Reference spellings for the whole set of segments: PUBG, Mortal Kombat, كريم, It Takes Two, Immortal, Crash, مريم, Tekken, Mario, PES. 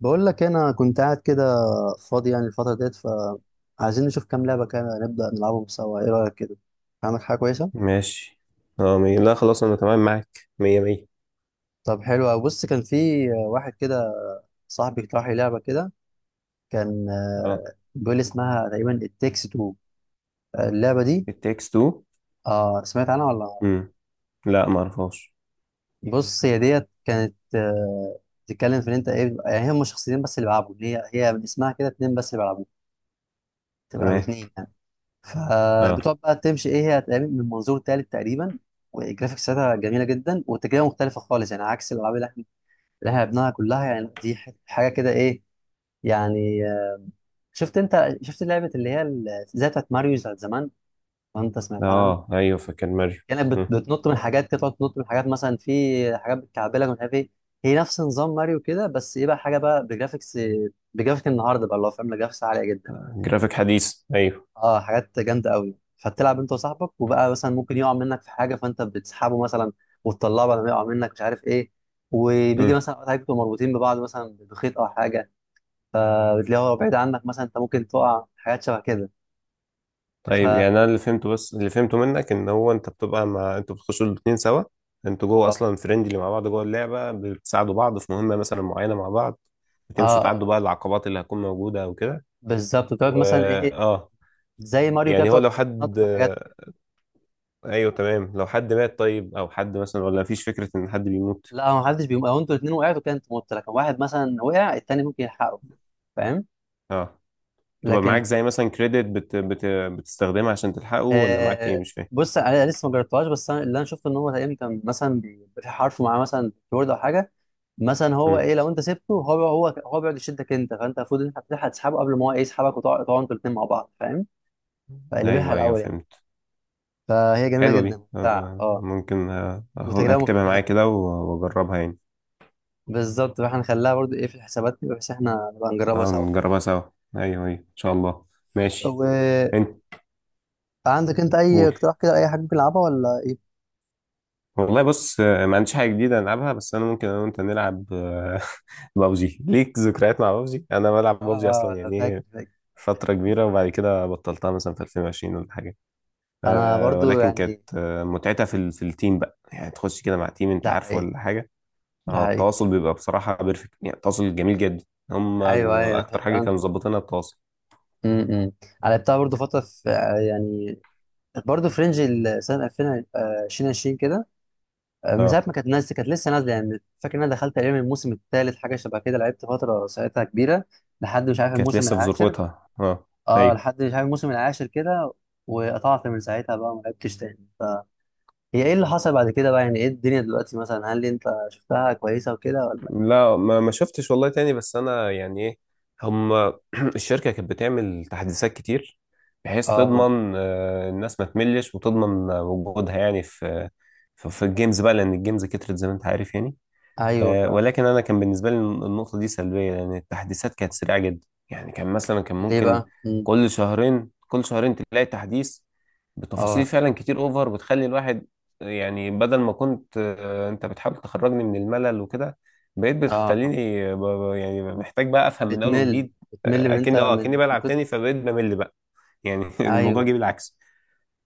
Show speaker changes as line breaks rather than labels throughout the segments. بقول لك انا كنت قاعد كده فاضي يعني الفتره ديت، فعايزين نشوف كام لعبه كده نبدا نلعبهم سوا. ايه رايك كده؟ عامل حاجه كويسه.
ماشي. لا خلاص انا تمام معاك مية مية.
طب حلو أوي. بص كان في واحد كده صاحبي اقترح لي لعبه كده، كان
اه،
بيقول لي اسمها تقريبا التكس تو، اللعبه دي.
it takes two.
اه سمعت عنها ولا
امم لا ما اعرفهاش.
لأ؟ بص هي ديت كانت بتتكلم في ان انت ايه يعني هم شخصيتين بس اللي بيلعبوا، هي من اسمها كده، اتنين بس اللي بيلعبوا، تبقى
تمام.
باتنين يعني.
اه.
فبتقعد بقى تمشي ايه، هي هتقابل من منظور تالت تقريبا، والجرافيكس بتاعتها جميله جدا والتجربه مختلفه خالص يعني، عكس الالعاب اللي احنا لعبناها كلها، يعني دي حاجه كده ايه. يعني شفت انت، شفت لعبه اللي هي زي بتاعت ماريو بتاعت زمان، وانت سمعت عنها.
اه ايوه، فاكر ماريو.
كانت
امم
بتنط من حاجات كده، تقعد تنط من حاجات، مثلا في حاجات بتكعبلك ومش عارف ايه. هي نفس نظام ماريو كده بس ايه بقى، حاجه بقى بجرافيكس، بجرافيك النهارده بقى، اللي هو فاهم جرافيكس عاليه جدا،
جرافيك حديث ايوه.
اه حاجات جامده قوي. فتلعب انت وصاحبك، وبقى مثلا ممكن يقع منك في حاجه فانت بتسحبه مثلا، وتطلعه بعد ما يقع منك مش عارف ايه. وبيجي
امم
مثلا اوقات حاجات بتبقوا مربوطين ببعض مثلا بخيط او حاجه، فبتلاقيه هو بعيد عنك مثلا، انت ممكن تقع، حاجات شبه كده. ف
طيب يعني
اه
انا اللي فهمته، بس اللي فهمته منك ان هو انت بتبقى مع، انتوا بتخشوا الاتنين سوا، انتوا جوه
اه
اصلا فريندلي مع بعض جوه اللعبه، بتساعدوا بعض في مهمه مثلا معينه مع بعض، بتمشوا تعدوا
اه
بقى العقبات اللي هتكون موجوده وكده.
بالظبط، بتقعد
و
مثلا ايه،
اه
زي ماريو كده
يعني هو
بتقعد
لو حد،
تنطط من حاجات وكده.
ايوه تمام، لو حد مات طيب، او حد مثلا، ولا مفيش فكره ان حد بيموت؟
لا ما حدش بيقوم، لو انتوا الاثنين وقعتوا كده انتوا مت، لكن واحد مثلا وقع، التاني ممكن يلحقه، فاهم؟
اه. تبقى معاك
لكن
زي مثلا كريدت بتستخدمها عشان تلحقه، ولا معاك ايه؟
آه
مش فاهم.
بص انا لسه ما جربتهاش، بس انا اللي انا شفته ان هو تقريبا كان مثلا بيبقى في حرف معاه مثلا، كيبورد او حاجه، مثلا هو
مم.
ايه لو انت سبته هو بيقعد يشدك انت، فانت المفروض ان انت بتلحق تسحبه قبل ما هو ايه يسحبك، وتقعد تقعدوا انتوا الاثنين مع بعض، فاهم؟ فقلبها
ايوه ايوه
الاول يعني.
فهمت.
فهي جميله
حلوه
جدا
دي
ممتعه،
آه.
اه.
ممكن آه
وتجربه
هكتبها
مختلفه
معايا كده
فاهم.
واجربها يعني.
بالظبط، فاحنا نخليها برضو ايه في الحسابات كده، بحيث احنا نبقى نجربها
اه
سوا.
نجربها سوا. ايوه ايوه ان شاء الله. ماشي.
وعندك
انت
انت اي
قول.
اقتراح كده، اي حاجه ممكن نلعبها ولا ايه؟
والله بص، ما عنديش حاجه جديده العبها، بس انا ممكن انا وانت نلعب، بابجي. ليك ذكريات مع بابجي؟ انا بلعب
اه،
بابجي اصلا،
فاكر
يعني
فاكر.
فترة كبيرة، وبعد كده بطلتها مثلا في 2020 ولا حاجة.
انا
آه
برضو
ولكن كانت
يعني،
متعتها في التيم بقى، يعني تخش كده مع تيم، انت
ده
عارفه
حقيقي،
ولا حاجة؟
ده
آه،
حقيقي.
التواصل بيبقى بصراحة بيرفكت، يعني التواصل جميل جدا. هم.
ايوه ايوه هي
أكتر حاجة كانوا
فعلا.
مظبطينها التواصل.
امم انا لعبتها برضه فتره في يعني برضه في رينج سنه 2020 كده، من ساعه
اه
ما كانت نازله، كانت لسه نازله يعني، فاكر ان انا دخلت تقريبا الموسم الثالث حاجه شبه كده، لعبت فتره ساعتها كبيره، لحد مش عارف
كانت
الموسم
لسه في
العاشر.
ذروتها اه.
اه
ايوه.
لحد مش عارف الموسم العاشر كده، وقطعت من ساعتها بقى ما لعبتش تاني. فهي ايه اللي حصل بعد كده بقى يعني، ايه الدنيا دلوقتي مثلا، هل انت شفتها كويسه وكده ولا؟
لا ما ما شفتش والله تاني، بس انا يعني ايه. هم. الشركه كانت بتعمل تحديثات كتير، بحيث
اه
تضمن الناس ما تملش، وتضمن وجودها يعني في الجيمز بقى، لان الجيمز كترت زي ما انت عارف يعني.
ايوه
آه،
فعلا.
ولكن انا كان بالنسبه لي النقطه دي سلبيه، لان التحديثات كانت سريعه جدا. يعني كان مثلا، كان
ليه
ممكن
بقى؟
كل شهرين كل شهرين تلاقي تحديث بتفاصيل
اه
فعلا كتير اوفر، بتخلي الواحد يعني، بدل ما كنت انت بتحاول تخرجني من الملل وكده، بقيت
اه.
بتخليني يعني محتاج بقى افهم من اول
بتمل
وجديد.
بتمل من انت
اكني
من
بلعب
كتر.
تاني، فبقيت بمل بقى. يعني الموضوع جه
ايوه.
بالعكس.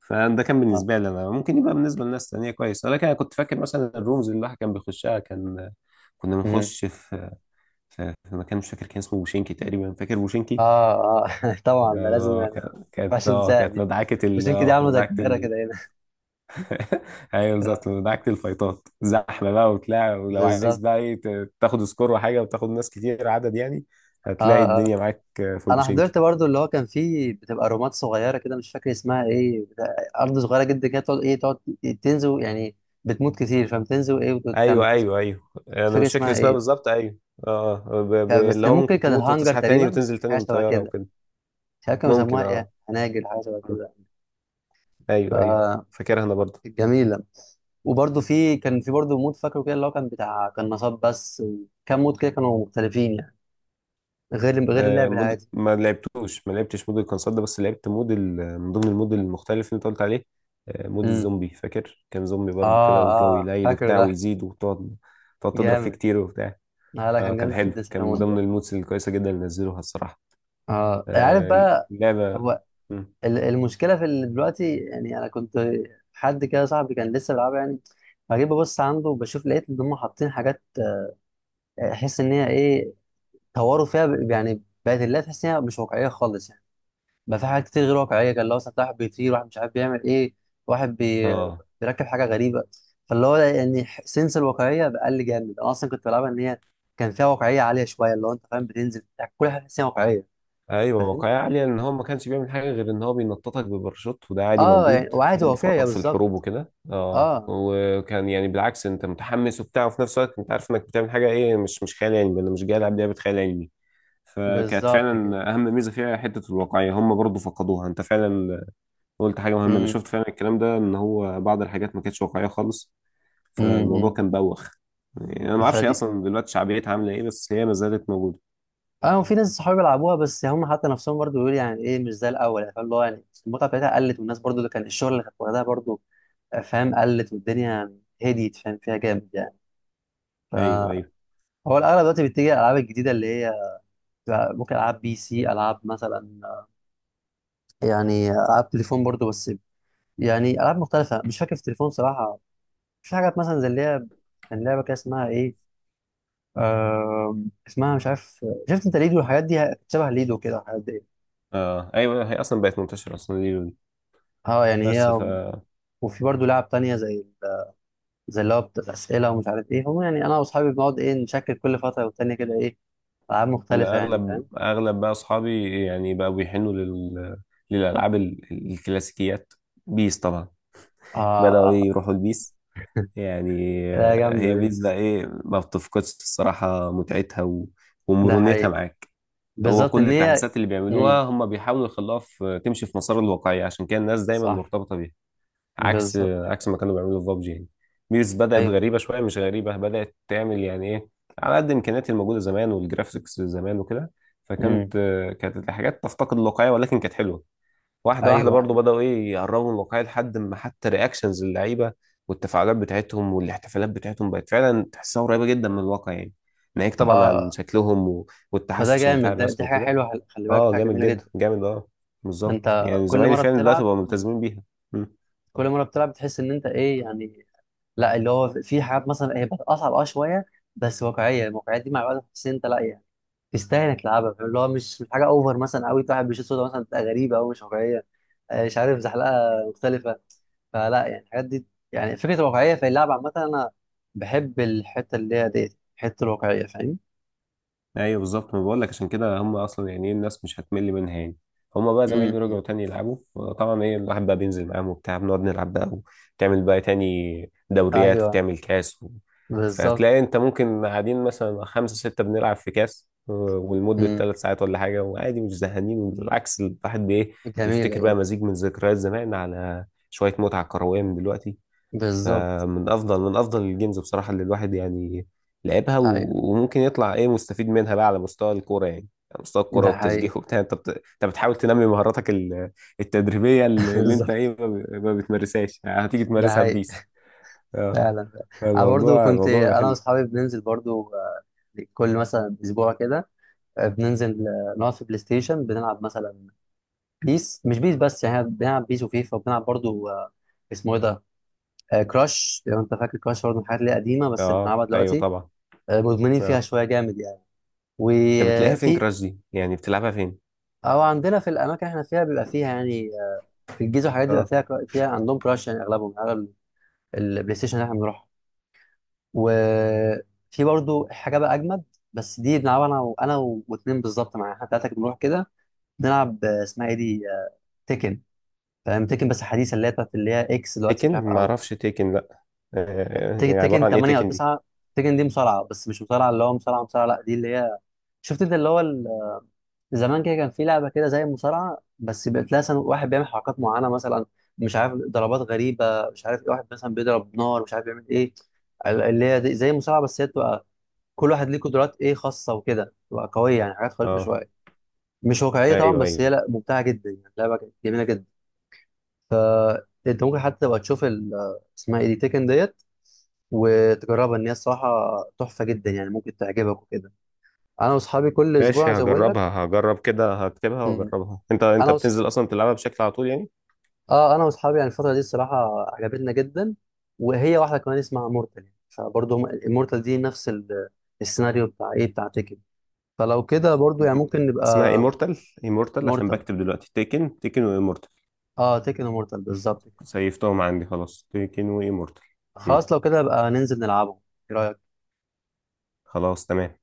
فده كان
اه.
بالنسبه لي انا، ممكن يبقى بالنسبه لناس تانيه كويس، ولكن انا كنت فاكر مثلا الرومز اللي الواحد كان بيخشها، كان كنا
مم.
بنخش في في في مكان مش فاكر كان اسمه بوشينكي تقريبا، فاكر
اه
بوشينكي؟
اه. طبعا ده لازم، يعني ما
كانت
ينفعش ننساها
كانت
دي. بوشينك دي عامله زي
مدعكة
القاهره
ال...
كده هنا.
ايوه بالظبط، مدعكة الفايتات، زحمة بقى وبتاع، ولو عايز
بالظبط.
بقى ايه تاخد سكور وحاجة، وتاخد ناس كتير عدد يعني،
اه
هتلاقي
اه،
الدنيا معاك في
انا
بوشينكي.
حضرت برضو اللي هو كان فيه بتبقى رومات صغيره كده، مش فاكر اسمها ايه، ارض صغيره جدا كده، تقعد ايه، تقعد تنزل يعني. بتموت كتير فبتنزل ايه، وتكمل
ايوه
تنزل
ايوه
وتكمل.
ايوه
مش
انا
فاكر
مش فاكر
اسمها
اسمها
ايه.
بالظبط، ايوه. اه
بس
اللي
كان
هو
ممكن
ممكن
كان
تموت
الهانجر
وتصحى تاني
تقريبا،
وتنزل تاني
حاجه
من
شبه
طيارة
كده،
وكده.
مش عارف كانوا
ممكن
بيسموها ايه،
اه.
هناجر حاجه شبه كده.
ايوه ايوه، فاكرها انا برضه.
فجميله. وبرضه في كان في برضه مود فاكره كده، اللي هو كان بتاع كان نصاب بس، وكام مود كده كانوا مختلفين يعني، غير
آه،
اللعب
مود...
العادي.
ما لعبتوش ما لعبتش مود الكونسول ده، بس لعبت من ضمن المود المختلف اللي انت قلت عليه، آه، مود
امم،
الزومبي، فاكر كان زومبي برضو
اه
كده، والجو
اه
يليل
فاكره
وبتاع،
ده.
ويزيد وتقعد تقعد تضرب فيه
جامد.
كتير وبتاع.
آه لا
اه
كان
كان
جامد جدا
حلو،
ساعة
كان من
المود ده.
ضمن المودز الكويسة جدا اللي نزلوها الصراحة.
اه عارف بقى،
اللعبة.
هو
مم.
المشكله في اللي دلوقتي يعني، انا كنت حد كده صاحبي كان لسه بيلعبها يعني، فجيت ببص عنده بشوف، لقيت ان هم حاطين حاجات، احس ان هي ايه، طوروا فيها يعني بقت اللعبه تحس ان هي مش واقعيه خالص يعني. ما في حاجات كتير غير واقعيه، كان لو مثلا واحد بيطير، واحد مش عارف بيعمل ايه، واحد بي...
اه
بيركب حاجه غريبه. فاللي هو يعني سنس الواقعيه بقل جامد، انا اصلا كنت بلعبها ان هي كان فيها واقعيه عاليه شويه، اللي هو انت فاهم بتنزل يعني كل حاجه تحس إنها واقعيه.
ايوه
فاهم.
واقعية عالية، ان هو ما كانش بيعمل حاجة غير ان هو بينططك بباراشوت، وده عادي
اه يعني،
موجود
وعادي
يعني في
واقعيه
في الحروب
بالظبط.
وكده اه،
اه،
وكان يعني بالعكس انت متحمس وبتاع، وفي نفس الوقت انت عارف انك بتعمل حاجة ايه، مش مش خيال علمي. انا مش جاي العب لعبة خيال علمي. فكانت
بالظبط كده.
فعلا اهم ميزة فيها حتة الواقعية، هم برضو فقدوها. انت فعلا قلت حاجة مهمة، انا
امم،
شفت فعلا الكلام ده، ان هو بعض الحاجات ما كانتش واقعية خالص. فالموضوع
إمم.
كان بوخ، يعني انا ما اعرفش هي
فدي
اصلا دلوقتي شعبيتها عاملة ايه، بس هي ما زالت موجودة.
اه. وفي ناس صحابي بيلعبوها بس هم حتى نفسهم برضو بيقولوا يعني ايه مش زي الاول يعني، فاهم اللي هو يعني المتعه بتاعتها قلت، والناس برضو اللي كان الشغل اللي كانت واخداها برضو فاهم قلت، والدنيا هديت فاهم فيها جامد يعني.
ايوه ايوه.
فهو الاغلب دلوقتي بيتجه الالعاب الجديده اللي هي بتبقى ممكن العاب بي سي، العاب مثلا يعني العاب تليفون برضو، بس يعني العاب مختلفه. مش فاكر في التليفون صراحه في حاجات مثلا، زي اللي هي كان لعبه كده اسمها ايه، اسمها مش عارف. شفت انت ليدو؟ الحاجات دي شبه ليدو كده الحاجات دي.
اه ايوه هي اصلا بقت منتشرة اصلا دي،
اه يعني
بس
هي،
فانا،
وفي برضو لعب تانية، زي زي اللي هو بتاعت الاسئله ومش عارف ايه هم، يعني انا واصحابي بنقعد ايه، نشكل كل فتره والتانيه كده ايه، العاب مختلفه يعني
اغلب
فاهم.
اغلب بقى اصحابي يعني بقوا بيحنوا للالعاب الكلاسيكيات. بيس طبعا.
اه،
بداوا إيه،
اه.
يروحوا البيس يعني.
لا جامده
هي
دي.
بيس بقى ايه، ما بتفقدش الصراحه متعتها و...
ده
ومرونتها
حقيقي،
معاك. هو
بالظبط
كل
ان هي.
التحديثات اللي بيعملوها،
امم،
هم بيحاولوا يخلوها تمشي في مسار الواقعيه، عشان كده الناس دايما
صح،
مرتبطه بيها. عكس
بالظبط.
عكس ما كانوا بيعملوا في بابجي يعني. بيس بدأت
ايوه.
غريبة شوية، مش غريبة، بدأت تعمل يعني ايه على قد إمكانيات الموجودة زمان والجرافيكس زمان وكده.
امم.
فكانت كانت الحاجات تفتقد الواقعية، ولكن كانت حلوة. واحدة واحدة
ايوه
برضو
ايوه
بدأوا ايه يقربوا من الواقعية، لحد ما حتى رياكشنز اللعيبة والتفاعلات بتاعتهم والاحتفالات بتاعتهم بقت فعلا تحسها قريبة جدا من الواقع يعني. ناهيك طبعا عن
اه.
شكلهم
فده
والتحسن بتاع
جامد ده،
الرسم
دي حاجه
وكده.
حلوه، خلي بالك
اه
حاجه
جامد
جميله
جدا
جدا.
جامد اه. بالظبط،
انت
يعني
كل
زمايلي
مره
فعلا دلوقتي
بتلعب،
بقوا ملتزمين بيها.
كل مره بتلعب بتحس ان انت ايه يعني. لا اللي هو في حاجات مثلا هي بتبقى اصعب اه شويه، بس واقعيه. الواقعيه دي مع الوقت بتحس ان انت لا يعني تستاهل انك تلعبها، فاهم؟ اللي هو مش مش حاجه اوفر مثلا قوي، واحد بيشوط سودا مثلا تبقى غريبه او مش واقعيه، مش عارف، زحلقه مختلفه. فلا يعني الحاجات دي، يعني فكره واقعيه في اللعب عامه، انا بحب الحته اللي هي ديت، الحته الواقعيه فاهم.
ايوه بالظبط، ما بقول لك عشان كده هم اصلا يعني ايه، الناس مش هتمل منها يعني. هم بقى
امم،
زمايلي رجعوا تاني يلعبوا، طبعا ايه الواحد بقى بينزل معاهم وبتاع، بنقعد نلعب بقى، وتعمل بقى تاني دوريات،
ايوه،
وتعمل كاس
بالظبط.
فتلاقي انت ممكن قاعدين مثلا خمسة ستة بنلعب في كاس ولمدة
امم،
3 ساعات ولا حاجة، وعادي مش زهقانين، بالعكس الواحد بايه،
جميله،
بيفتكر بقى
جميلة.
مزيج من ذكريات زمان على شوية متعة كروية من دلوقتي.
بالظبط.
فمن افضل الجيمز بصراحة اللي الواحد يعني لعبها
ايوه،
وممكن يطلع ايه مستفيد منها بقى على مستوى الكوره يعني، على مستوى الكوره
ده حقيقي.
والتشجيع وبتاع. انت انت بتحاول تنمي مهاراتك التدريبيه اللي اللي انت ايه
بالظبط،
ما بتمارسهاش، هتيجي
ده
تمارسها في
حقيقي،
بيس. اه.
فعلا فعلا. انا برضو
فالموضوع
كنت
الموضوع بقى
انا
حلو.
واصحابي بننزل برضو كل مثلا اسبوع كده، بننزل نقعد في بلاي ستيشن بنلعب مثلا بيس، مش بيس بس يعني، إحنا بنلعب بيس وفيفا، وبنلعب برضو اسمه ايه ده، آه كراش، لو انت فاكر كراش، برضو من الحاجات اللي هي قديمه بس
اه
بنلعبها
ايوه
دلوقتي.
طبعا.
آه مدمنين فيها
اه.
شويه جامد يعني.
انت بتلاقيها فين
وفي،
كراش دي، يعني بتلعبها فين؟
او عندنا في الاماكن اللي احنا فيها بيبقى فيها يعني في الجيزه والحاجات دي بيبقى
اه
فيها فيها عندهم كراش يعني اغلبهم، اغلب البلاي ستيشن اللي احنا بنروحها. وفي برضو حاجه بقى اجمد، بس دي بنلعبها انا وانا واتنين بالظبط معايا، احنا ثلاثه بنروح كده نلعب اسمها ايه دي، تيكن. فاهم تيكن، بس حديثه اللي هي بتاعت اللي هي اكس دلوقتي،
تيكن،
مش عارف،
ما
او
اعرفش تيكن لا. آه، يعني عباره
تيكن
عن ايه
8 او
تيكن دي؟
9. تيكن دي مصارعه، بس مش مصارعه اللي هو مصارعه مصارعه، لا دي اللي هي، شفت انت اللي هو زمان كده كان في لعبه كده زي المصارعه، بس بقت لها واحد بيعمل حركات معينه مثلا، مش عارف ضربات غريبه مش عارف ايه، واحد مثلا بيضرب نار مش عارف بيعمل ايه، زي المصارعه بس هي تبقى كل واحد ليه قدرات ايه خاصه وكده، تبقى قويه يعني، حاجات خارقه
اه
شويه، مش واقعيه طبعا،
ايوه
بس هي
ايوه.
لا ممتعه جدا يعني، لعبه جميله جدا. فانت ممكن حتى تبقى تشوف اسمها ايه دي، تيكن ديت، وتجربها ان هي الصراحه تحفه جدا يعني، ممكن تعجبك وكده. انا واصحابي كل
ماشي
اسبوع زي ما بقول لك.
هجربها، هجرب كده، هكتبها
مم.
واجربها. انت انت
انا وص...
بتنزل اصلا تلعبها بشكل على طول يعني؟
اه انا واصحابي يعني الفتره دي الصراحه عجبتنا جدا. وهي واحده كمان اسمها مورتال، يعني فبرضه هم المورتال دي نفس السيناريو بتاع ايه، بتاع تيكن، فلو كده برضه يعني
م-
ممكن
اسمها
نبقى.
ايمورتال؟ ايمورتال، عشان
مورتال،
بكتب دلوقتي، تيكن وايمورتال.
اه تيكن ومورتال بالظبط كده.
سيفتهم عندي خلاص، تيكن وايمورتال. مم.
خلاص لو كده بقى ننزل نلعبهم. ايه رايك؟
خلاص تمام.